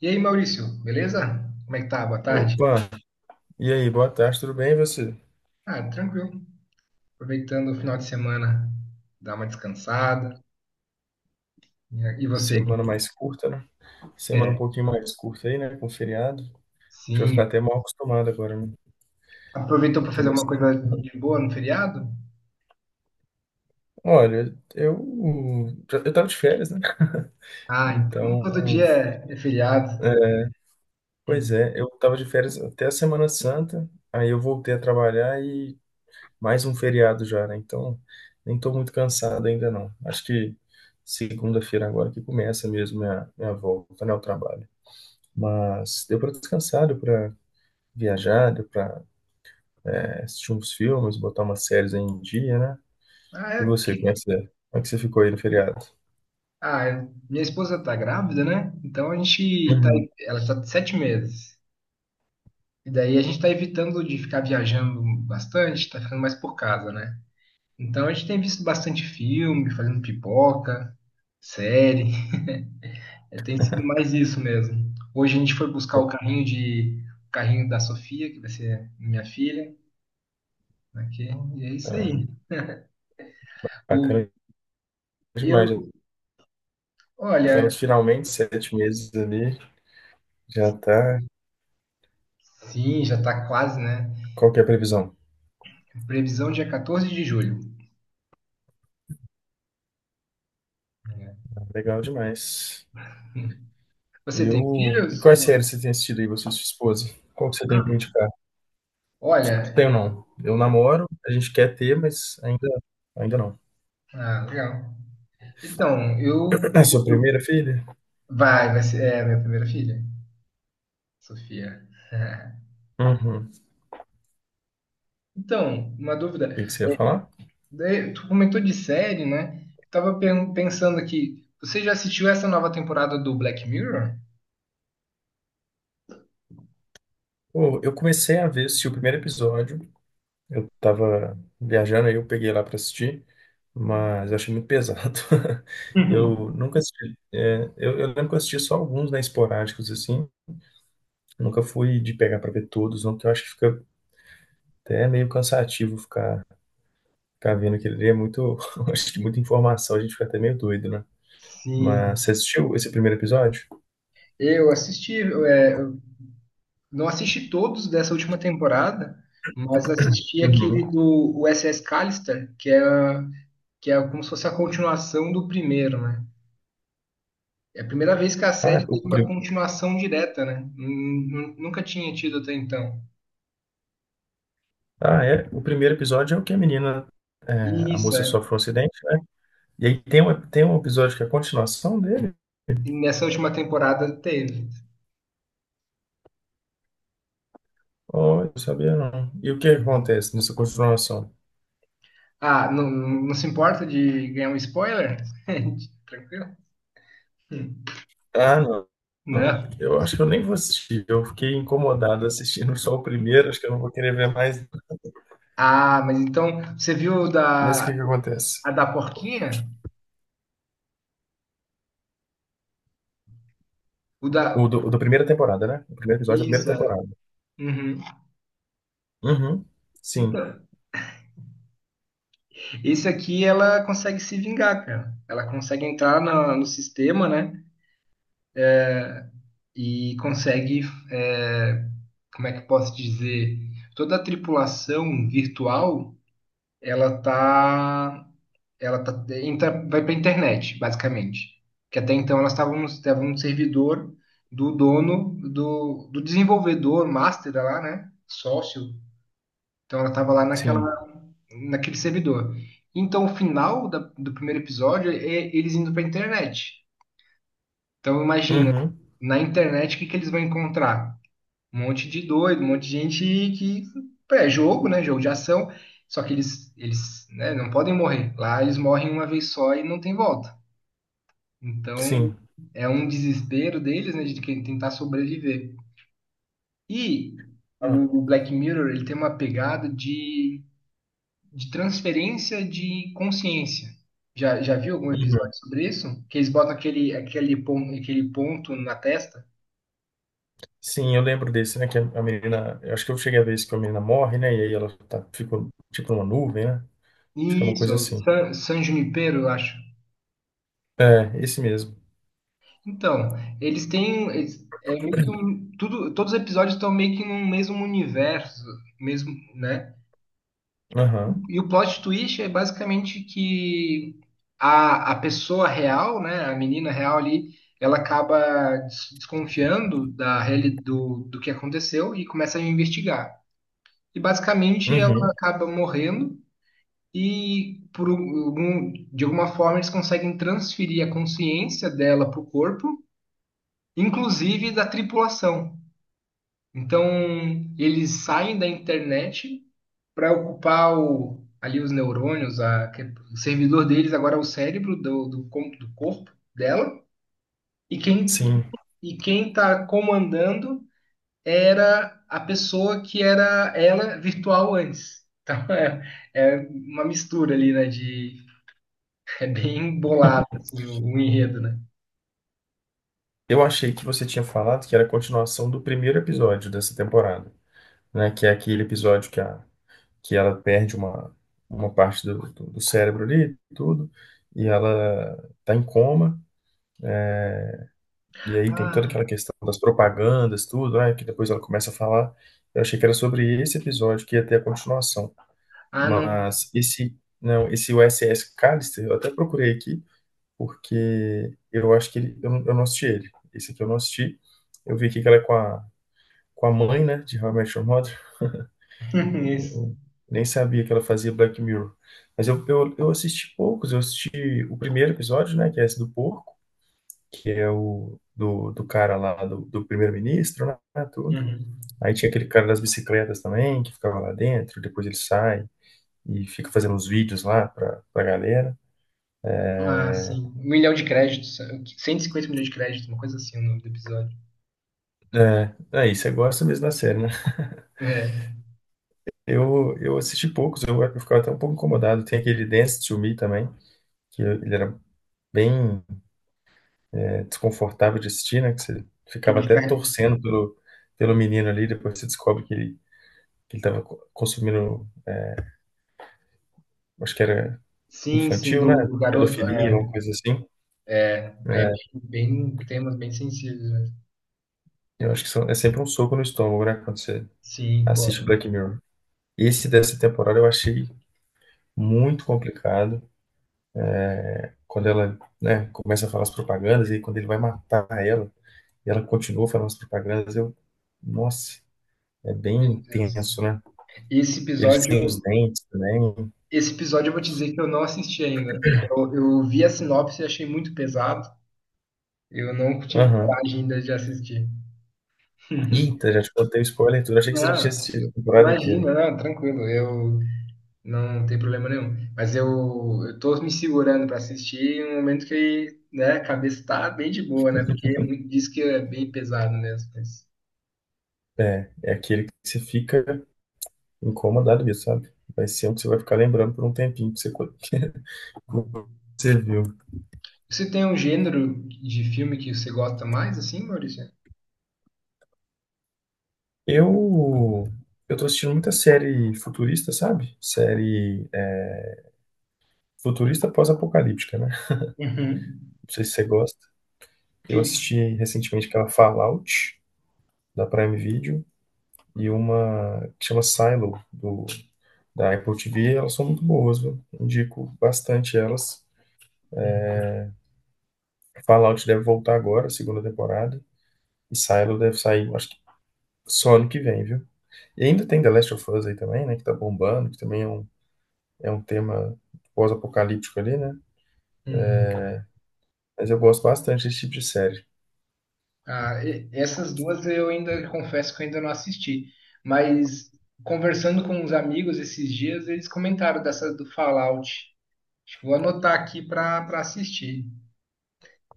E aí, Maurício, beleza? Como é que tá? Boa tarde. Opa, e aí, boa tarde, tudo bem e você? Ah, tranquilo. Aproveitando o final de semana, dar uma descansada. E você? Semana mais curta, né? Semana um É, pouquinho mais curta aí, né? Com feriado. A gente vai ficar sim. até mal acostumado agora, né? Aproveitou Eu para fazer tenho umas- alguma coisa de boa no feriado? Olha, eu tava de férias, né? Ah, então Então, todo dia é feriado. é, pois Hum. é, eu tava de férias até a Semana Santa, aí eu voltei a trabalhar e mais um feriado já, né? Então, nem tô muito cansado ainda não. Acho que segunda-feira agora que começa mesmo minha volta, né, ao trabalho. Mas deu para descansar, viajar, deu pra assistir uns filmes, botar umas séries aí em dia, né? Ah, E é você, que... como é que você ficou aí no feriado? ah, é- minha esposa tá grávida, né? Então a gente tá. Uhum. Ela está de sete meses. E daí a gente tá evitando de ficar viajando bastante, tá ficando mais por casa, né? Então a gente tem visto bastante filme, fazendo pipoca, série. É, tem sido mais isso mesmo. Hoje a gente foi buscar Já o carrinho da Sofia, que vai ser minha filha, aqui, e é isso aí. tá. O, Bacana demais, já eu, tá olha, nos finalmente sete meses ali, já tá. sim, já está quase, né? Qual que é a previsão? Previsão dia 14 de julho. Legal demais. Você E, tem e filhos? quais séries você tem assistido aí, você e sua esposa? Qual que você tem Ah, pra indicar? olha, Tenho não. Eu namoro, a gente quer ter, mas ainda não. ah, legal. Então, eu, É sua eu- primeira filha? Vai, é minha primeira filha, Sofia. Uhum. O Então, uma dúvida. que que você ia falar? Daí, tu comentou de série, né? Tava pensando aqui, você já assistiu essa nova temporada do Black Mirror? Pô, eu comecei a ver, assisti o primeiro episódio. Eu tava viajando aí, eu peguei lá pra assistir, mas eu achei muito pesado. Eu nunca assisti. Eu lembro que eu assisti só alguns, né, esporádicos, assim. Nunca fui de pegar pra ver todos, não, porque eu acho que fica até meio cansativo ficar vendo aquele ali. É muito. Acho que muita informação, a gente fica até meio doido, né? Sim, Mas você assistiu esse primeiro episódio? eu assisti, eu não assisti todos dessa última temporada, mas assisti Uhum. aquele do USS Callister, que é como se fosse a continuação do primeiro, né? É a primeira vez que a Ah, série o, teve uma pri- continuação direta, né? Nunca tinha tido até então. ah, é. O primeiro episódio é o que E a isso, moça é. sofre um acidente, né? E aí tem tem um episódio que é a continuação dele. E nessa última temporada teve. Oh, eu sabia não. E o que acontece nessa continuação? Ah, não, não se importa de ganhar um spoiler? Tranquilo? Ah, não. Não, Não. eu acho que eu nem vou assistir. Eu fiquei incomodado assistindo só o primeiro, acho que eu não vou querer ver mais. Ah, mas então, você viu Mas o que que acontece? a da porquinha? O O da. do, o da primeira temporada, né? O primeiro episódio da primeira Isso, é. temporada. Uhum. Uhum. Sim, Então, esse aqui ela consegue se vingar, cara. Ela consegue entrar no sistema, né? E consegue, é, como é que eu posso dizer? Toda a tripulação virtual, ela tá Ela tá, entra, vai para a internet, basicamente. Que até então elas estavam estavam no servidor do desenvolvedor, master lá, né? Sócio. Então ela estava sim. naquele servidor. Então o final do primeiro episódio é eles indo para a internet. Então imagina, Uhum. na internet que eles vão encontrar? Um monte de doido, um monte de gente que é jogo, né? Jogo de ação. Só que eles, né, não podem morrer. Lá eles morrem uma vez só e não tem volta. Então, Sim. é um desespero deles, né, de tentar sobreviver. E Ah, o Black Mirror, ele tem uma pegada de transferência de consciência. Já viu algum uhum. episódio sobre isso? Que eles botam aquele ponto na testa? Sim, eu lembro desse, né? Que a menina. Eu acho que eu cheguei a ver isso, que a menina morre, né? E aí ela tá, fica tipo numa nuvem, né? Acho que é uma Isso, é coisa o assim. San Junipero, eu acho. É, esse mesmo. Então, é meio que um, tudo, todos os episódios estão meio que num mesmo universo, mesmo, né? Aham. E o plot twist é basicamente que a pessoa real, né, a menina real ali, ela acaba desconfiando da do que aconteceu e começa a investigar. E basicamente ela Uhum. acaba morrendo e de alguma forma eles conseguem transferir a consciência dela para o corpo, inclusive da tripulação. Então eles saem da internet para ocupar o- ali os neurônios, o servidor deles agora é o cérebro do corpo dela, e quem Sim. e quem está comandando era a pessoa que era ela virtual antes. Então é, é uma mistura ali, né? De, é bem bolado assim, o enredo, né? Eu achei que você tinha falado que era a continuação do primeiro episódio dessa temporada, né? Que é aquele episódio que, que ela perde uma parte do cérebro ali, tudo, e ela tá em coma, e aí tem toda Ah, aquela questão das propagandas, tudo, né? Que depois ela começa a falar. Eu achei que era sobre esse episódio que ia ter a continuação, ah, não. mas esse, não, esse USS Callister, eu até procurei aqui, porque eu acho que ele, eu não assisti ele. Esse aqui eu não assisti. Eu vi aqui que ela é com a mãe, né, de How I Met Your Mother. Isso. Eu nem sabia que ela fazia Black Mirror. Mas eu assisti poucos. Eu assisti o primeiro episódio, né, que é esse do porco, que é o do cara lá, do primeiro-ministro, né, tudo. Uhum. Aí tinha aquele cara das bicicletas também, que ficava lá dentro. Depois ele sai e fica fazendo uns vídeos lá pra galera. Ah, sim. Um milhão de créditos. Cento e cinquenta milhões de créditos, uma coisa assim, o nome do episódio. É, aí você gosta mesmo da série, né? É, Eu assisti poucos, eu ficava até um pouco incomodado. Tem aquele Dance to Me também, que ele era bem é desconfortável de assistir, né? Que você que ficava ele até fica torcendo pelo, pelo menino ali, depois você descobre que que ele tava consumindo, acho que era sim, sim, infantil, né? Do garoto, Pedofilia, uma é, coisa assim. é bem- temas bem sensíveis, né? Eu acho que é sempre um soco no estômago, né? Quando você Sim, pô, assiste Black Mirror. Esse dessa temporada eu achei muito complicado. Quando ela, né, começa a falar as propagandas, e aí quando ele vai matar ela, e ela continua falando as propagandas, eu. Nossa, é bem meu Deus. intenso, né? Esse Eles episódio, têm os dentes também. esse episódio eu vou te dizer que eu não assisti ainda. Eu vi a sinopse e achei muito pesado. Eu não tive Aham. coragem ainda de assistir. Eita, já te contei o spoiler e tudo. Achei que você já tinha Não, assistido a temporada inteira. imagina, não, tranquilo, eu não tem problema nenhum. Mas eu tô me segurando para assistir em um momento que, né, a cabeça tá bem de boa, né? Porque é muito- diz que é bem pesado mesmo. É, é aquele que você fica incomodado mesmo, sabe? Vai ser um que você vai ficar lembrando por um tempinho que você, você viu. Você tem um gênero de filme que você gosta mais, assim, Maurício? Eu, eu tô assistindo muita série futurista, sabe? Série futurista pós-apocalíptica, né? Uhum. Não sei se você gosta. Eu Que- assisti recentemente aquela Fallout, da Prime Video, e uma que chama Silo, da Apple TV. Elas são muito boas, viu? Indico bastante elas. Uhum. Fallout deve voltar agora, segunda temporada. E Silo deve sair, acho que só ano que vem, viu? E ainda tem The Last of Us aí também, né? Que tá bombando, que também é é um tema pós-apocalíptico ali, né? Uhum. Mas eu gosto bastante desse tipo de série. Essas duas eu ainda confesso que eu ainda não assisti, mas conversando com uns amigos esses dias, eles comentaram dessa do Fallout. Acho que vou anotar aqui para assistir.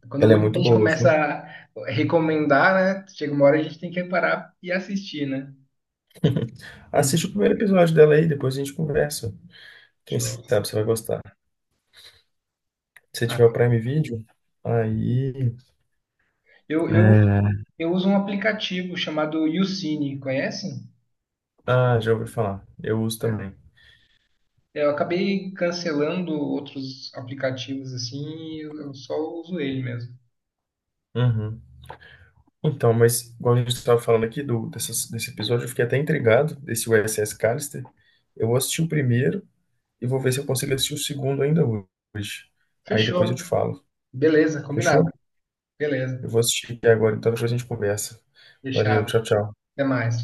Quando Ela é muita muito gente boa, começa viu? a recomendar, né? Chega uma hora a gente tem que parar e assistir, né? Assiste o Uhum. primeiro episódio dela aí, depois a gente conversa. Quem Show. sabe você vai gostar. Se Ah, tiver o Prime Video, aí. eu, eu, É. eu uso um aplicativo chamado YouCine, conhece? Ah, já ouvi falar. Eu uso também. Eu acabei cancelando outros aplicativos assim, e eu só uso ele mesmo. Uhum. Então, mas igual a gente estava falando aqui desse episódio, eu fiquei até intrigado desse USS Callister. Eu vou assistir o primeiro e vou ver se eu consigo assistir o segundo ainda hoje. Aí depois eu te Fechou. falo. Beleza, combinado. Fechou? Beleza, Eu vou assistir aqui agora, então depois a gente conversa. Valeu, fechado. tchau, tchau. Até mais.